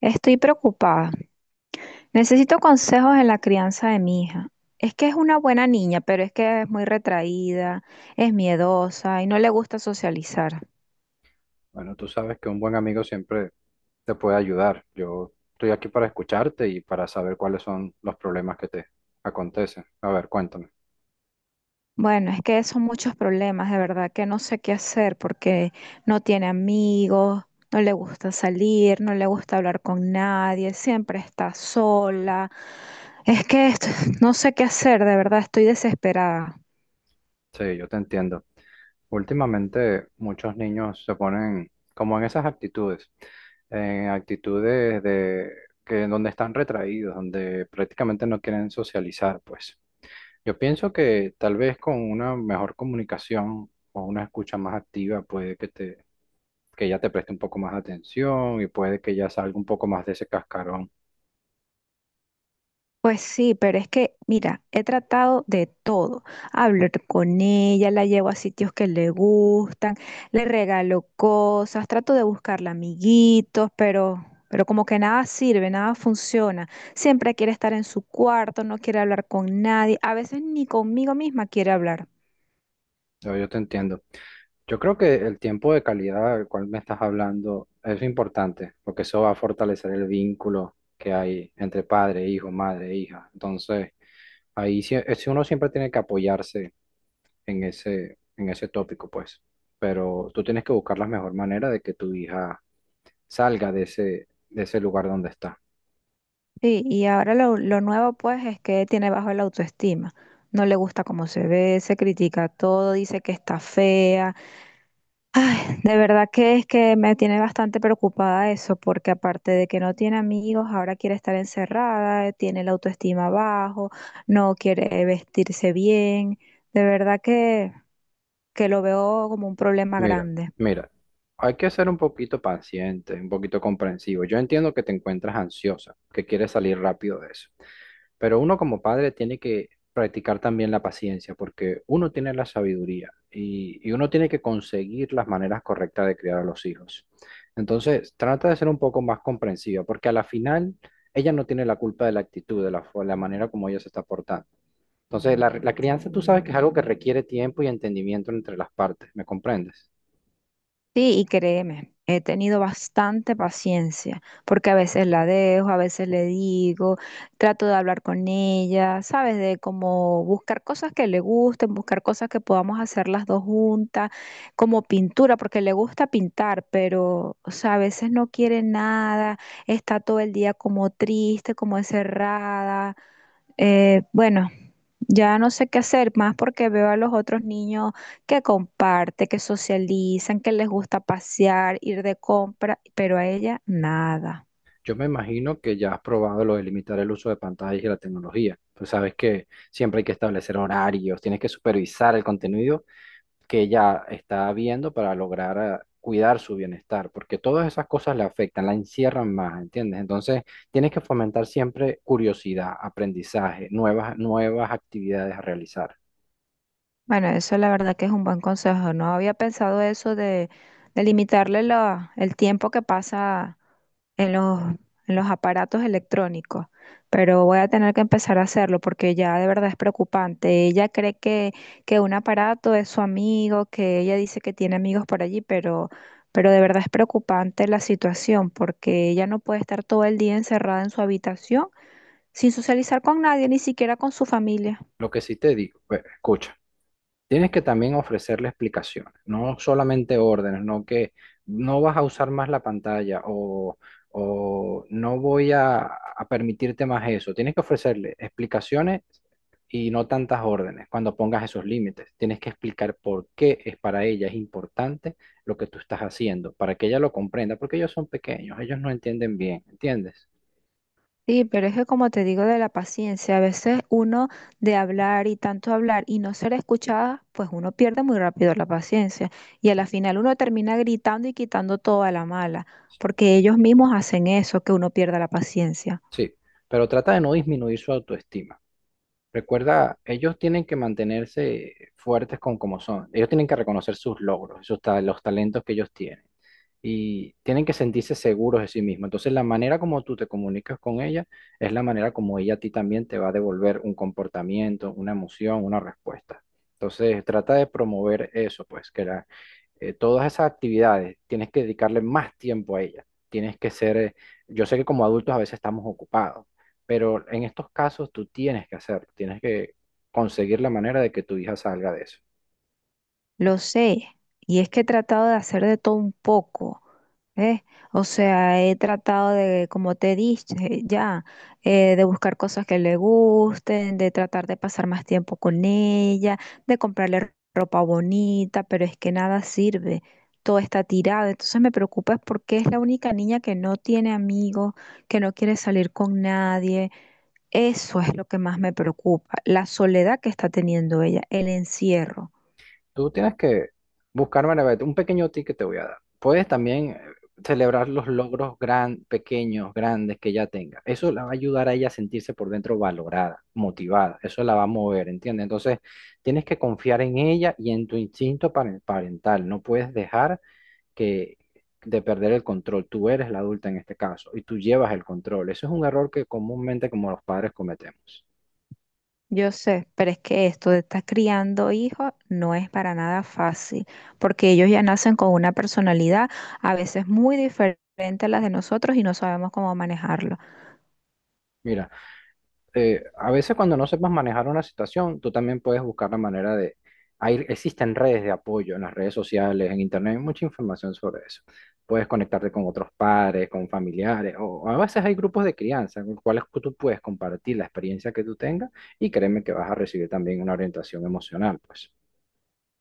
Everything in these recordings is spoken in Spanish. Estoy preocupada. Necesito consejos en la crianza de mi hija. Es que es una buena niña, pero es que es muy retraída, es miedosa y no le gusta socializar. Bueno, tú sabes que un buen amigo siempre te puede ayudar. Yo estoy aquí para escucharte y para saber cuáles son los problemas que te acontecen. A ver, cuéntame. Bueno, es que son muchos problemas, de verdad que no sé qué hacer porque no tiene amigos, no le gusta salir, no le gusta hablar con nadie, siempre está sola. Es que no sé qué hacer, de verdad estoy desesperada. Sí, yo te entiendo. Últimamente muchos niños se ponen como en esas actitudes, en actitudes de que donde están retraídos, donde prácticamente no quieren socializar, pues. Yo pienso que tal vez con una mejor comunicación o una escucha más activa puede que te, que ella te preste un poco más de atención y puede que ya salga un poco más de ese cascarón. Pues sí, pero es que, mira, he tratado de todo. Hablo con ella, la llevo a sitios que le gustan, le regalo cosas, trato de buscarle amiguitos, pero como que nada sirve, nada funciona. Siempre quiere estar en su cuarto, no quiere hablar con nadie, a veces ni conmigo misma quiere hablar. Yo te entiendo. Yo creo que el tiempo de calidad del cual me estás hablando es importante, porque eso va a fortalecer el vínculo que hay entre padre, hijo, madre, hija. Entonces, ahí sí, uno siempre tiene que apoyarse en ese tópico, pues. Pero tú tienes que buscar la mejor manera de que tu hija salga de ese lugar donde está. Sí, y ahora lo nuevo pues es que tiene bajo la autoestima. No le gusta cómo se ve, se critica todo, dice que está fea. Ay, de verdad que es que me tiene bastante preocupada eso, porque aparte de que no tiene amigos, ahora quiere estar encerrada, tiene la autoestima bajo, no quiere vestirse bien. De verdad que lo veo como un problema Mira, grande. mira, hay que ser un poquito paciente, un poquito comprensivo. Yo entiendo que te encuentras ansiosa, que quieres salir rápido de eso, pero uno como padre tiene que practicar también la paciencia, porque uno tiene la sabiduría y uno tiene que conseguir las maneras correctas de criar a los hijos. Entonces, trata de ser un poco más comprensiva, porque a la final ella no tiene la culpa de la actitud, de la, la manera como ella se está portando. Entonces, la crianza tú sabes que es algo que requiere tiempo y entendimiento entre las partes, ¿me comprendes? Sí, y créeme, he tenido bastante paciencia, porque a veces la dejo, a veces le digo, trato de hablar con ella, ¿sabes? De como buscar cosas que le gusten, buscar cosas que podamos hacer las dos juntas, como pintura, porque le gusta pintar, pero, o sea, a veces no quiere nada, está todo el día como triste, como encerrada. Bueno, ya no sé qué hacer más porque veo a los otros niños que comparten, que socializan, que les gusta pasear, ir de compra, pero a ella nada. Yo me imagino que ya has probado lo de limitar el uso de pantallas y la tecnología. Tú sabes que siempre hay que establecer horarios, tienes que supervisar el contenido que ella está viendo para lograr cuidar su bienestar, porque todas esas cosas le afectan, la encierran más, ¿entiendes? Entonces, tienes que fomentar siempre curiosidad, aprendizaje, nuevas actividades a realizar. Bueno, eso la verdad que es un buen consejo. No había pensado eso de el tiempo que pasa en en los aparatos electrónicos, pero voy a tener que empezar a hacerlo porque ya de verdad es preocupante. Ella cree que un aparato es su amigo, que ella dice que tiene amigos por allí, pero de verdad es preocupante la situación porque ella no puede estar todo el día encerrada en su habitación sin socializar con nadie, ni siquiera con su familia. Lo que sí te digo, pues, escucha. Tienes que también ofrecerle explicaciones, no solamente órdenes, no que no vas a usar más la pantalla o no voy a permitirte más eso. Tienes que ofrecerle explicaciones y no tantas órdenes cuando pongas esos límites. Tienes que explicar por qué es para ella es importante lo que tú estás haciendo, para que ella lo comprenda, porque ellos son pequeños, ellos no entienden bien, ¿entiendes? Sí, pero es que como te digo de la paciencia, a veces uno de hablar y tanto hablar y no ser escuchada, pues uno pierde muy rápido la paciencia y a la final uno termina gritando y quitando toda la mala, porque ellos mismos hacen eso, que uno pierda la paciencia. Sí, pero trata de no disminuir su autoestima. Recuerda, ellos tienen que mantenerse fuertes con como son. Ellos tienen que reconocer sus logros, sus los talentos que ellos tienen y tienen que sentirse seguros de sí mismos. Entonces, la manera como tú te comunicas con ella es la manera como ella a ti también te va a devolver un comportamiento, una emoción, una respuesta. Entonces, trata de promover eso, pues, todas esas actividades tienes que dedicarle más tiempo a ella. Tienes que ser, yo sé que como adultos a veces estamos ocupados, pero en estos casos tú tienes que hacerlo, tienes que conseguir la manera de que tu hija salga de eso. Lo sé, y es que he tratado de hacer de todo un poco, ¿ves? O sea, he tratado de, como te dije ya, de buscar cosas que le gusten, de tratar de pasar más tiempo con ella, de comprarle ropa bonita, pero es que nada sirve, todo está tirado. Entonces me preocupa es porque es la única niña que no tiene amigos, que no quiere salir con nadie. Eso es lo que más me preocupa, la soledad que está teniendo ella, el encierro. Tú tienes que buscarme la un pequeño ticket te voy a dar. Puedes también celebrar los logros gran, pequeños, grandes que ella tenga. Eso la va a ayudar a ella a sentirse por dentro valorada, motivada. Eso la va a mover, ¿entiendes? Entonces, tienes que confiar en ella y en tu instinto parental. No puedes dejar que de perder el control. Tú eres la adulta en este caso y tú llevas el control. Eso es un error que comúnmente como los padres cometemos. Yo sé, pero es que esto de estar criando hijos no es para nada fácil, porque ellos ya nacen con una personalidad a veces muy diferente a las de nosotros y no sabemos cómo manejarlo. Mira. A veces cuando no sepas manejar una situación, tú también puedes buscar la manera de... Hay, existen redes de apoyo en las redes sociales, en internet, hay mucha información sobre eso. Puedes conectarte con otros padres, con familiares, o a veces hay grupos de crianza con los cuales tú puedes compartir la experiencia que tú tengas y créeme que vas a recibir también una orientación emocional, pues.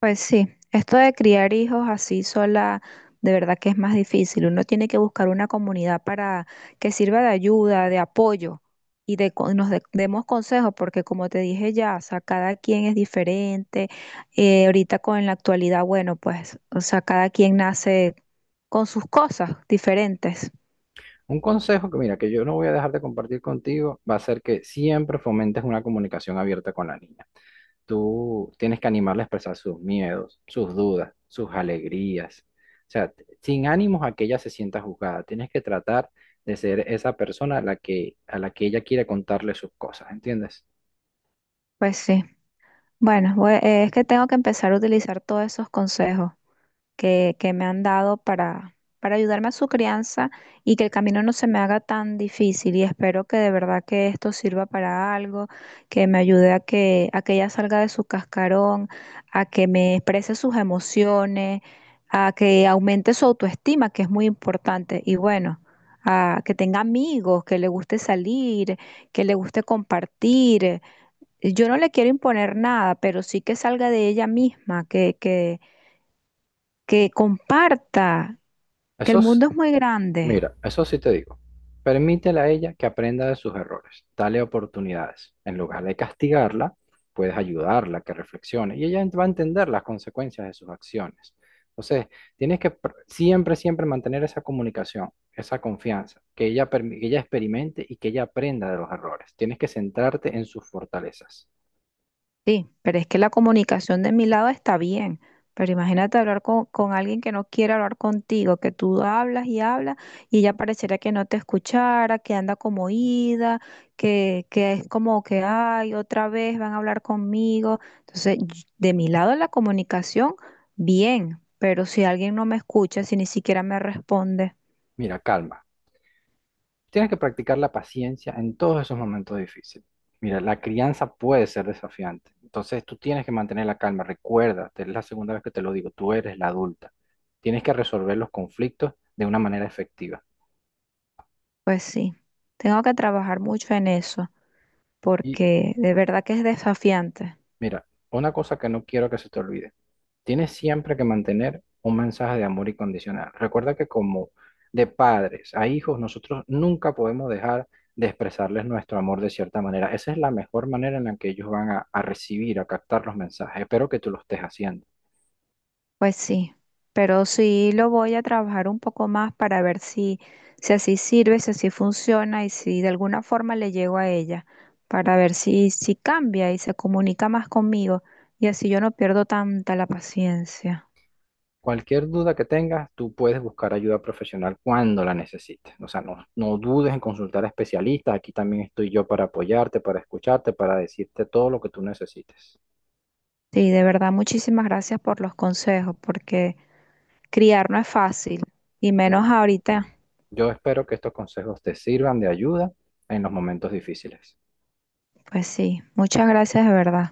Pues sí, esto de criar hijos así sola, de verdad que es más difícil. Uno tiene que buscar una comunidad para que sirva de ayuda, de apoyo y nos demos consejos, porque como te dije ya, o sea, cada quien es diferente. Ahorita con la actualidad, bueno, pues, o sea, cada quien nace con sus cosas diferentes. Un consejo que, mira, que yo no voy a dejar de compartir contigo, va a ser que siempre fomentes una comunicación abierta con la niña. Tú tienes que animarle a expresar sus miedos, sus dudas, sus alegrías. O sea, sin ánimos a que ella se sienta juzgada. Tienes que tratar de ser esa persona a la que ella quiere contarle sus cosas, ¿entiendes? Pues sí, bueno, es que tengo que empezar a utilizar todos esos consejos que me han dado para ayudarme a su crianza y que el camino no se me haga tan difícil. Y espero que de verdad que esto sirva para algo, que me ayude a a que ella salga de su cascarón, a que me exprese sus emociones, a que aumente su autoestima, que es muy importante. Y bueno, a que tenga amigos, que le guste salir, que le guste compartir. Yo no le quiero imponer nada, pero sí que salga de ella misma, que comparta, que Eso el es. mundo es muy grande. Mira, eso sí te digo. Permítele a ella que aprenda de sus errores. Dale oportunidades. En lugar de castigarla, puedes ayudarla a que reflexione y ella va a entender las consecuencias de sus acciones. Entonces, tienes que siempre, siempre mantener esa comunicación, esa confianza, que ella, que ella experimente y que ella aprenda de los errores. Tienes que centrarte en sus fortalezas. Sí, pero es que la comunicación de mi lado está bien. Pero imagínate hablar con alguien que no quiere hablar contigo, que tú hablas y hablas y ella pareciera que no te escuchara, que anda como ida, que es como que, ay, otra vez van a hablar conmigo. Entonces, de mi lado la comunicación, bien, pero si alguien no me escucha, si ni siquiera me responde, Mira, calma. Tienes que practicar la paciencia en todos esos momentos difíciles. Mira, la crianza puede ser desafiante. Entonces tú tienes que mantener la calma. Recuerda, es la segunda vez que te lo digo, tú eres la adulta. Tienes que resolver los conflictos de una manera efectiva. pues sí, tengo que trabajar mucho en eso, Y porque de verdad que es desafiante. mira, una cosa que no quiero que se te olvide. Tienes siempre que mantener un mensaje de amor incondicional. Recuerda que como de padres a hijos, nosotros nunca podemos dejar de expresarles nuestro amor de cierta manera. Esa es la mejor manera en la que ellos van a recibir, a captar los mensajes. Espero que tú lo estés haciendo. Pues sí, pero sí lo voy a trabajar un poco más para ver si así sirve, si así funciona y si de alguna forma le llego a ella, para ver si cambia y se comunica más conmigo y así yo no pierdo tanta la paciencia. Cualquier duda que tengas, tú puedes buscar ayuda profesional cuando la necesites. O sea, no, no dudes en consultar a especialistas. Aquí también estoy yo para apoyarte, para escucharte, para decirte todo lo que tú necesites. Sí, de verdad, muchísimas gracias por los consejos, porque criar no es fácil y menos ahorita. Yo espero que estos consejos te sirvan de ayuda en los momentos difíciles. Pues sí, muchas gracias de verdad.